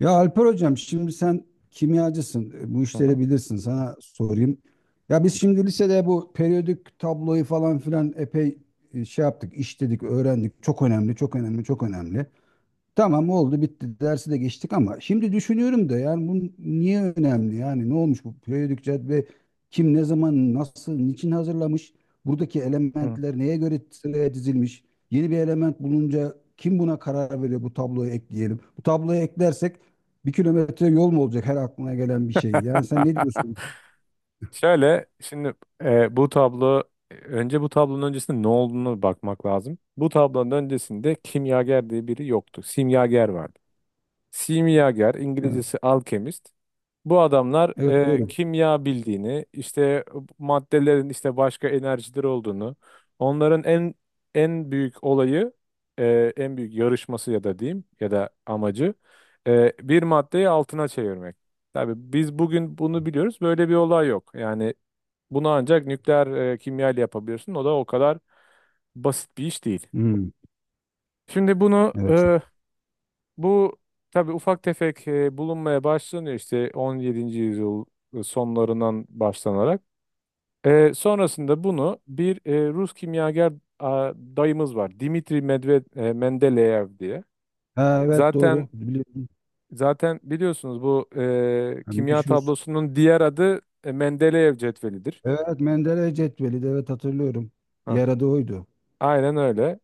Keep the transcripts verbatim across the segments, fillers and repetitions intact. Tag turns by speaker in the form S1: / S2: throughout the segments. S1: Ya Alper hocam şimdi sen kimyacısın. e, Bu
S2: Hı hı.
S1: işleri bilirsin. Sana sorayım. Ya biz şimdi lisede bu periyodik tabloyu falan filan epey e, şey yaptık, işledik, öğrendik. Çok önemli, çok önemli, çok önemli. Tamam, oldu bitti, dersi de geçtik ama şimdi düşünüyorum da yani bu niye önemli, yani ne olmuş bu periyodik cetvel, kim ne zaman nasıl niçin hazırlamış, buradaki
S2: Hı.
S1: elementler neye göre sıraya dizilmiş, yeni bir element bulunca kim buna karar veriyor, bu tabloyu ekleyelim, bu tabloyu eklersek bir kilometre yol mu olacak her aklına gelen bir şey, yani sen ne diyorsun?
S2: Şöyle şimdi, e, bu tablo önce bu tablonun öncesinde ne olduğunu bakmak lazım. Bu tablonun öncesinde kimyager diye biri yoktu. Simyager vardı. Simyager,
S1: Evet,
S2: İngilizcesi alkemist. Bu adamlar
S1: evet
S2: e,
S1: doğru.
S2: kimya bildiğini, işte maddelerin işte başka enerjileri olduğunu, onların en en büyük olayı, e, en büyük yarışması ya da diyeyim ya da amacı, e, bir maddeyi altına çevirmek. Tabii biz bugün bunu biliyoruz. Böyle bir olay yok. Yani bunu ancak nükleer e, kimya ile yapabiliyorsun. O da o kadar basit bir iş değil.
S1: Hmm,
S2: Şimdi bunu
S1: evet.
S2: e, bu tabii ufak tefek e, bulunmaya başlanıyor, işte on yedinci yüzyıl sonlarından başlanarak. E, sonrasında bunu bir e, Rus kimyager a, dayımız var. Dimitri Medved, e, Mendeleyev diye.
S1: Ha, evet
S2: Zaten
S1: doğru biliyorum.
S2: zaten biliyorsunuz, bu e,
S1: Ha,
S2: kimya
S1: meşhur.
S2: tablosunun diğer adı e, Mendeleyev cetvelidir.
S1: Evet, Menderes cetveli de evet hatırlıyorum.
S2: Ha,
S1: Diğer adı oydu.
S2: aynen öyle.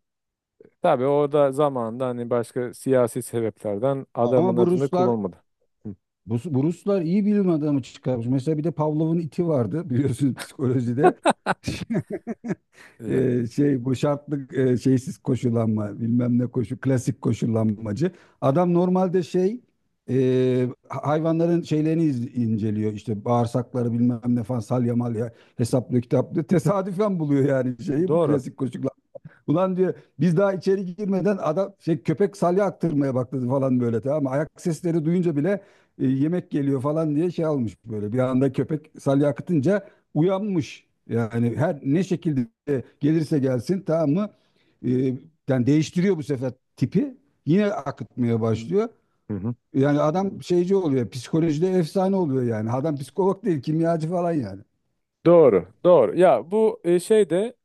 S2: Tabii orada zamanında hani başka siyasi sebeplerden adamın
S1: Ama bu
S2: adını
S1: Ruslar,
S2: kullanmadı. Hı.
S1: bu, bu Ruslar iyi bilim adamı çıkarmış. Mesela bir de Pavlov'un iti vardı, biliyorsunuz, psikolojide.
S2: Yani.
S1: Ee, şey bu şartlı e, şeysiz koşullanma bilmem ne koşu, klasik koşullanmacı. Adam normalde şey e, hayvanların şeylerini iz- inceliyor, işte bağırsakları bilmem ne falan, salya malya hesaplıyor, kitaplıyor. Tesadüfen buluyor yani şeyi, bu
S2: Doğru.
S1: klasik. Ulan diyor, biz daha içeri girmeden adam, şey, köpek salya aktırmaya başladı falan, böyle, tamam mı? Ayak sesleri duyunca bile e, yemek geliyor falan diye şey almış böyle. Bir anda köpek salya akıtınca uyanmış. Yani her ne şekilde gelirse gelsin, tamam mı? E, Yani değiştiriyor bu sefer tipi. Yine akıtmaya başlıyor.
S2: Hı hı.
S1: Yani adam şeyci oluyor. Psikolojide efsane oluyor yani. Adam psikolog değil, kimyacı falan yani.
S2: Doğru, doğru. Ya bu e, şey de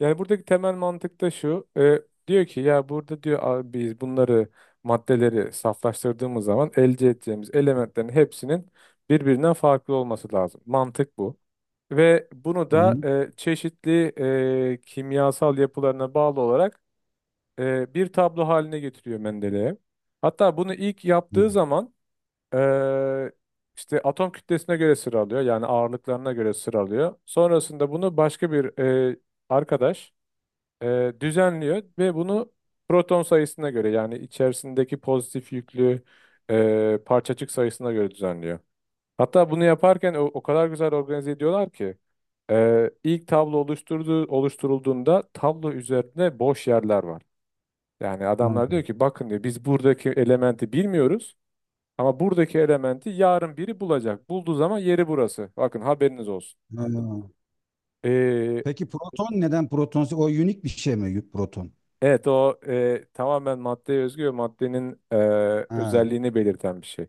S2: yani buradaki temel mantık da şu. E, diyor ki ya, burada diyor, "Abi biz bunları, maddeleri saflaştırdığımız zaman elde edeceğimiz elementlerin hepsinin birbirinden farklı olması lazım." Mantık bu. Ve bunu
S1: Hı
S2: da
S1: hı.
S2: e, çeşitli e, kimyasal yapılarına bağlı olarak e, bir tablo haline getiriyor Mendeley. Hatta bunu ilk
S1: Hı.
S2: yaptığı zaman ee, işte atom kütlesine göre sıralıyor. Yani ağırlıklarına göre sıralıyor. Sonrasında bunu başka bir e, arkadaş e, düzenliyor ve bunu proton sayısına göre, yani içerisindeki pozitif yüklü e, parçacık sayısına göre düzenliyor. Hatta bunu yaparken o, o kadar güzel organize ediyorlar ki e, ilk tablo oluşturduğu, oluşturulduğunda tablo üzerinde boş yerler var. Yani
S1: Ha.
S2: adamlar diyor ki, bakın diyor, biz buradaki elementi bilmiyoruz. Ama buradaki elementi yarın biri bulacak. Bulduğu zaman yeri burası. Bakın haberiniz olsun.
S1: Ha.
S2: Ee,
S1: Peki proton neden proton? O unik bir şey mi proton?
S2: evet o e, tamamen maddeye özgü ve maddenin e,
S1: Ha,
S2: özelliğini belirten bir şey.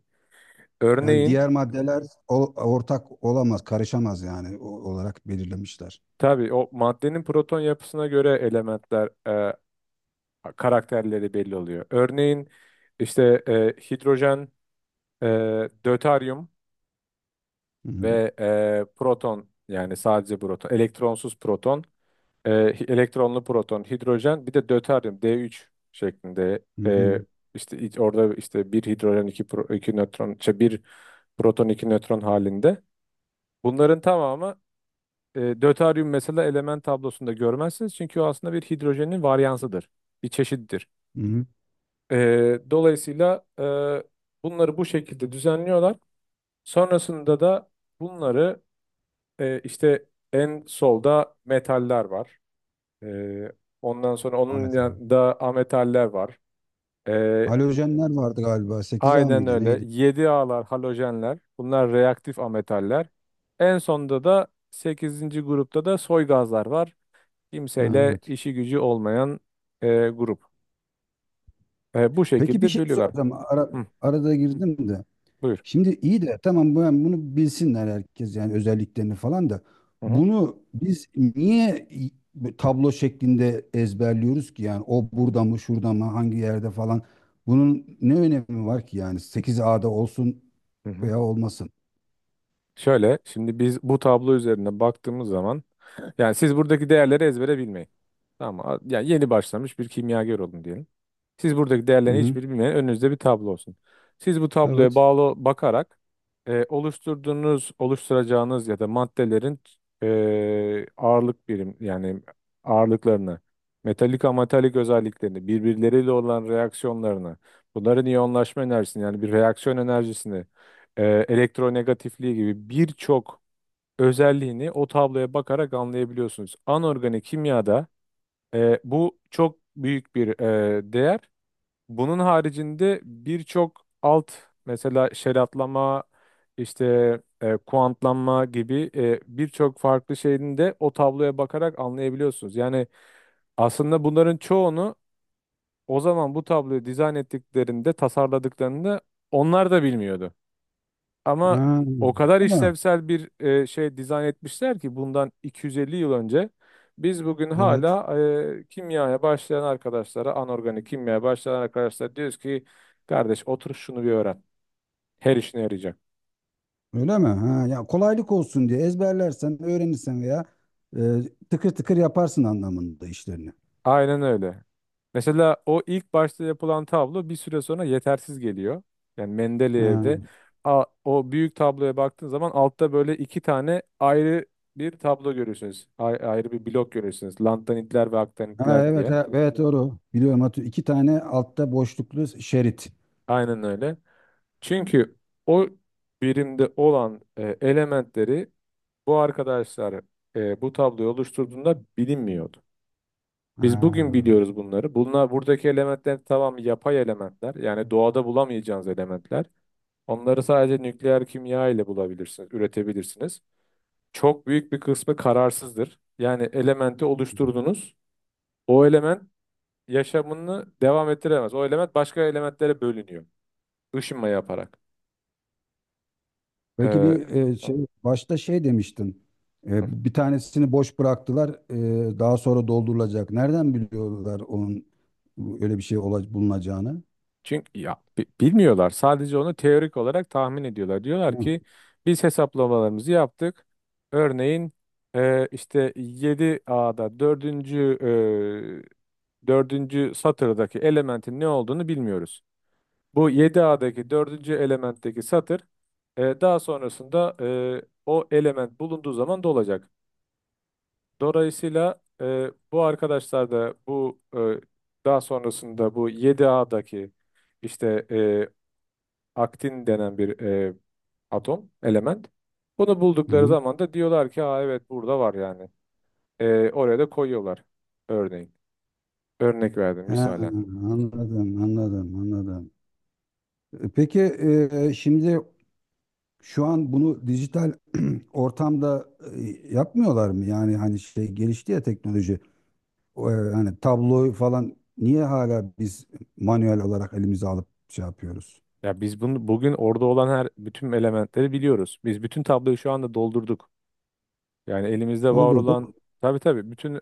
S1: yani
S2: Örneğin,
S1: diğer maddeler o- ortak olamaz, karışamaz yani o- olarak belirlemişler.
S2: tabii o maddenin proton yapısına göre elementler, e, karakterleri belli oluyor. Örneğin işte e, hidrojen, e, döteryum
S1: Hı hı.
S2: ve e, proton, yani sadece proton, elektronsuz proton. E, elektronlu proton, hidrojen, bir de döteryum D üç şeklinde.
S1: Hı
S2: E,
S1: hı.
S2: işte iç- orada işte bir hidrojen, iki, pro, iki nötron, işte bir proton, iki nötron halinde. Bunların tamamı, e, döteryum mesela, element tablosunda görmezsiniz. Çünkü o aslında bir hidrojenin varyansıdır. Bir çeşittir.
S1: Hı hı.
S2: E, dolayısıyla e, bunları bu şekilde düzenliyorlar. Sonrasında da bunları e, işte en solda metaller var. Ee, ondan sonra onun
S1: Ahmet abi.
S2: yanında ametaller var. Ee,
S1: Halojenler vardı galiba. Sekiz a
S2: aynen
S1: mıydı
S2: öyle.
S1: neydi?
S2: Yedi alar halojenler. Bunlar reaktif ametaller. En sonda da sekizinci grupta da soy gazlar var.
S1: Ha,
S2: Kimseyle
S1: evet.
S2: işi gücü olmayan e, grup. E, bu
S1: Peki bir
S2: şekilde
S1: şey
S2: bölüyorlar.
S1: soracağım. Ara,
S2: Hı,
S1: arada girdim de.
S2: buyur.
S1: Şimdi iyi de tamam bu- yani bunu bilsinler herkes, yani özelliklerini falan da
S2: Hı hı,
S1: bunu biz niye i- bu tablo şeklinde ezberliyoruz ki, yani o burada mı şurada mı hangi yerde falan, bunun ne önemi var ki, yani sekiz ada olsun
S2: hı hı.
S1: veya olmasın.
S2: Şöyle, şimdi biz bu tablo üzerine baktığımız zaman, yani siz buradaki değerleri ezbere bilmeyin. Tamam mı? Yani yeni başlamış bir kimyager olun diyelim. Siz buradaki
S1: Hı
S2: değerlerin
S1: hı.
S2: hiçbirini bilmeyen, önünüzde bir tablo olsun. Siz bu tabloya
S1: Evet.
S2: bağlı bakarak e, oluşturduğunuz, oluşturacağınız ya da maddelerin e, ağırlık birim yani ağırlıklarını, metalik ametalik özelliklerini, birbirleriyle olan reaksiyonlarını, bunların iyonlaşma enerjisini yani bir reaksiyon enerjisini, e, elektronegatifliği gibi birçok özelliğini o tabloya bakarak anlayabiliyorsunuz. Anorganik kimyada e, bu çok büyük bir e, değer. Bunun haricinde birçok alt, mesela şeratlama, işte e, kuantlanma gibi e, birçok farklı şeyini de o tabloya bakarak anlayabiliyorsunuz. Yani aslında bunların çoğunu o zaman, bu tabloyu dizayn ettiklerinde, tasarladıklarında, onlar da bilmiyordu. Ama
S1: Ha,
S2: o kadar
S1: öyle mi?
S2: işlevsel bir e, şey dizayn etmişler ki, bundan iki yüz elli yıl önce, biz bugün
S1: Evet.
S2: hala e, kimyaya başlayan arkadaşlara, anorganik kimyaya başlayan arkadaşlara diyoruz ki, kardeş, otur şunu bir öğren. Her işine yarayacak.
S1: Öyle mi? Ha, ya kolaylık olsun diye ezberlersen, öğrenirsen veya e, tıkır tıkır yaparsın anlamında işlerini.
S2: Aynen öyle. Mesela o ilk başta yapılan tablo bir süre sonra yetersiz geliyor. Yani
S1: Ha.
S2: Mendeleev'de a- o büyük tabloya baktığın zaman altta böyle iki tane ayrı bir tablo görüyorsunuz. Ay- ayrı bir blok görüyorsunuz. Lantanitler ve
S1: Ha,
S2: aktanitler
S1: evet,
S2: diye.
S1: ha, evet doğru. Biliyorum Hatu. İki tane altta boşluklu şerit.
S2: Aynen öyle. Çünkü o birimde olan e, elementleri bu arkadaşlar e, bu tabloyu oluşturduğunda bilinmiyordu. Biz bugün
S1: Ha.
S2: biliyoruz bunları. Bunlar, buradaki elementler, tamam, yapay elementler. Yani doğada bulamayacağınız elementler. Onları sadece nükleer kimya ile bulabilirsiniz, üretebilirsiniz. Çok büyük bir kısmı kararsızdır. Yani elementi oluşturdunuz. O element yaşamını devam ettiremez. O element başka elementlere bölünüyor, Işınma yaparak.
S1: Peki bir e, şey başta şey demiştin.
S2: Ee,
S1: E, bir tanesini boş bıraktılar. E, daha sonra doldurulacak. Nereden biliyorlar onun öyle bir şey ola- bulunacağını?
S2: Çünkü ya bi- bilmiyorlar. Sadece onu teorik olarak tahmin ediyorlar. Diyorlar
S1: Hı.
S2: ki, biz hesaplamalarımızı yaptık. Örneğin e, işte yedi A'da dördüncü e, dördüncü satırdaki elementin ne olduğunu bilmiyoruz. Bu yedi A'daki dördüncü elementteki satır, e, daha sonrasında, e, o element bulunduğu zaman dolacak. Dolayısıyla e, bu arkadaşlar da bu, e, daha sonrasında bu yedi A'daki işte e, aktin denen bir e, atom, element. Bunu buldukları
S1: Hı.
S2: zaman da diyorlar ki, aa, evet, burada var yani. E, oraya da koyuyorlar örneğin. Örnek verdim,
S1: Ha,
S2: misalen.
S1: anladım, anladım, anladım. E, Peki, e, şimdi şu an bunu dijital ortamda e, yapmıyorlar mı? Yani hani şey gelişti ya teknoloji. O, e, hani tabloyu falan niye hala biz manuel olarak elimize alıp şey yapıyoruz?
S2: Ya biz bunu, bugün orada olan her bütün elementleri biliyoruz. Biz bütün tabloyu şu anda doldurduk. Yani elimizde var olan,
S1: Doldurduk.
S2: tabii tabii, bütün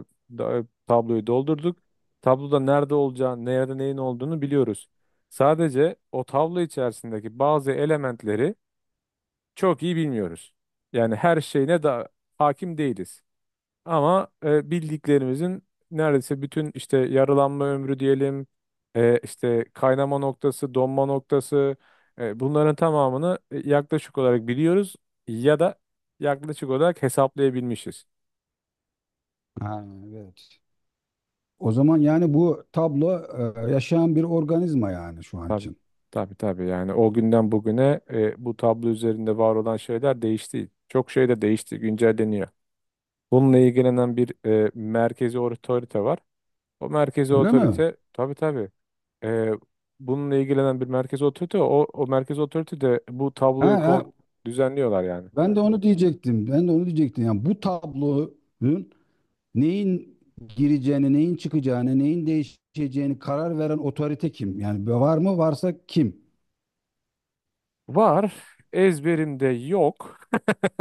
S2: e, da- tabloyu doldurduk. Tabloda nerede olacağını, nerede neyin olduğunu biliyoruz. Sadece o tablo içerisindeki bazı elementleri çok iyi bilmiyoruz. Yani her şeyine da hakim değiliz. Ama e, bildiklerimizin neredeyse bütün, işte yaralanma ömrü diyelim, e, işte kaynama noktası, donma noktası, e, bunların tamamını e, yaklaşık olarak biliyoruz ya da yaklaşık olarak hesaplayabilmişiz.
S1: Ha, evet. O zaman yani bu tablo e, yaşayan bir organizma yani şu an
S2: Tabii,
S1: için.
S2: tabii, tabii. Yani o günden bugüne e, bu tablo üzerinde var olan şeyler değişti. Çok şey de değişti, güncelleniyor. Bununla ilgilenen bir e, merkezi otorite var. O merkezi
S1: Öyle mi?
S2: otorite, tabii tabii. Ee, bununla ilgilenen bir merkezi otorite, o, o merkezi otorite de bu
S1: Ha,
S2: tabloyu
S1: ha,
S2: kon- düzenliyorlar yani.
S1: ben de onu diyecektim. Ben de onu diyecektim. Yani bu tablonun neyin gireceğini, neyin çıkacağını, neyin değişeceğini karar veren otorite kim? Yani var mı? Varsa kim?
S2: Var. Ezberimde yok.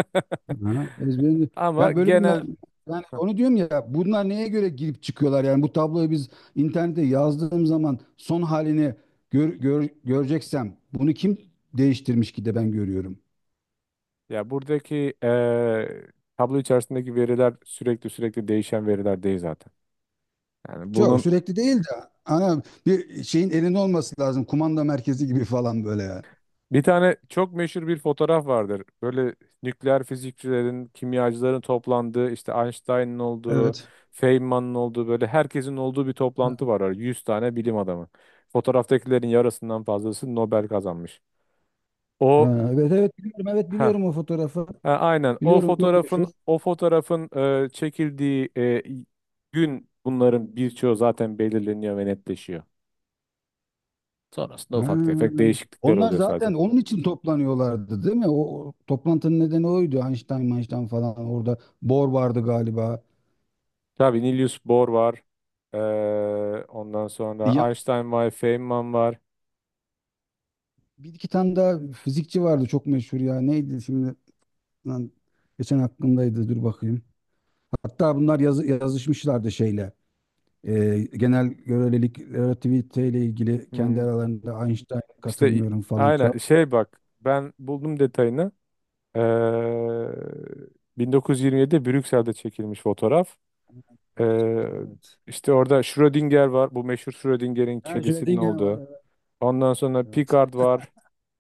S1: Ha, ezberi.
S2: Ama
S1: Ya böyle bir me-
S2: genel.
S1: yani
S2: Heh.
S1: onu diyorum ya, bunlar neye göre girip çıkıyorlar, yani bu tabloyu biz internete yazdığım zaman son halini gör, gör- göreceksem bunu kim değiştirmiş ki de ben görüyorum.
S2: Ya, buradaki eee, tablo içerisindeki veriler sürekli sürekli değişen veriler değil zaten. Yani
S1: Çok
S2: bunun.
S1: sürekli değil de ana bir şeyin elinde olması lazım, kumanda merkezi gibi falan böyle yani.
S2: Bir tane çok meşhur bir fotoğraf vardır. Böyle nükleer fizikçilerin, kimyacıların toplandığı, işte Einstein'ın olduğu,
S1: Evet.
S2: Feynman'ın olduğu, böyle herkesin olduğu bir toplantı var. Yüz tane bilim adamı. Fotoğraftakilerin yarısından fazlası Nobel kazanmış. O,
S1: Ha, evet evet biliyorum, evet
S2: ha,
S1: biliyorum o fotoğrafı.
S2: aynen, o
S1: Biliyorum çok
S2: fotoğrafın
S1: meşhur.
S2: o fotoğrafın e, çekildiği e, gün bunların birçoğu zaten belirleniyor ve netleşiyor. Sonrasında ufak tefek
S1: Ha,
S2: değişiklikler
S1: onlar
S2: oluyor
S1: zaten
S2: sadece.
S1: onun için toplanıyorlardı değil mi? O, o toplantının nedeni oydu. Einstein, Einstein falan orada. Bohr vardı galiba.
S2: Tabii, Niels Bohr var. Ee, ondan sonra
S1: Ya
S2: Einstein var, Feynman var.
S1: bir iki tane daha fizikçi vardı çok meşhur ya. Neydi şimdi? Lan, geçen aklımdaydı. Dur bakayım. Hatta bunlar yazı, yazışmışlardı şeyle. Ee, genel görelilik, relativite ile ilgili
S2: Hmm.
S1: kendi aralarında Einstein
S2: İşte i-
S1: katılmıyorum falan. Çal-
S2: aynen, şey, bak, ben buldum detayını. Ee, bin dokuz yüz yirmi yedide Brüksel'de çekilmiş fotoğraf. Ee,
S1: Evet.
S2: işte orada Schrödinger var. Bu meşhur Schrödinger'in
S1: Ha,
S2: kedisinin
S1: Schrödinger var
S2: olduğu.
S1: evet.
S2: Ondan sonra
S1: Evet.
S2: Picard var.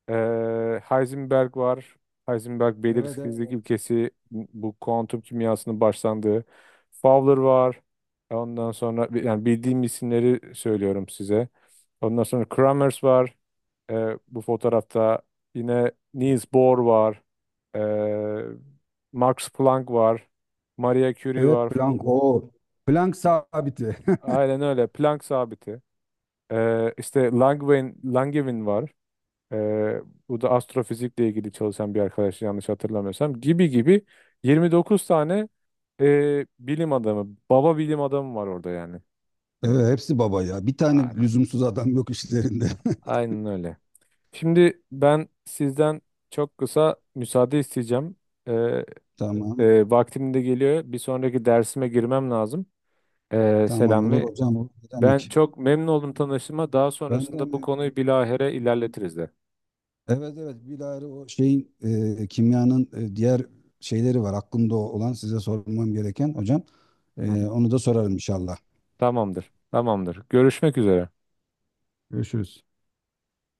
S2: Ee, Heisenberg var. Heisenberg
S1: Evet,
S2: belirsizlik
S1: evet.
S2: ilkesi, bu kuantum kimyasının başlandığı. Fowler var. Ondan sonra, yani bildiğim isimleri söylüyorum size. Ondan sonra Kramers var. Ee, bu fotoğrafta yine Niels Bohr var. Ee, Max Planck var. Marie Curie
S1: Evet,
S2: var.
S1: plank o. Plank sabiti.
S2: Aynen öyle. Planck sabiti. Ee, işte Langevin, Langevin var. Ee, bu da astrofizikle ilgili çalışan bir arkadaş yanlış hatırlamıyorsam, gibi gibi. yirmi dokuz tane e, bilim adamı, baba bilim adamı var orada yani.
S1: Evet, hepsi baba ya. Bir tane
S2: Aynen.
S1: lüzumsuz adam yok işlerinde.
S2: Aynen öyle. Şimdi ben sizden çok kısa müsaade isteyeceğim. Ee,
S1: Tamam.
S2: e, Vaktim de geliyor. Bir sonraki dersime girmem lazım. Ee,
S1: Tamam olur
S2: Selami.
S1: hocam. Olur. Ne
S2: Ben
S1: demek?
S2: çok memnun oldum tanıştığıma. Daha
S1: Ben de
S2: sonrasında bu
S1: mi?
S2: konuyu bilahare ilerletiriz de.
S1: Evet evet bilahare o şeyin, e, kimyanın e, diğer şeyleri var. Aklımda olan size sormam gereken hocam.
S2: Hı
S1: E,
S2: hı.
S1: onu da sorarım inşallah.
S2: Tamamdır. Tamamdır. Görüşmek üzere.
S1: Görüşürüz.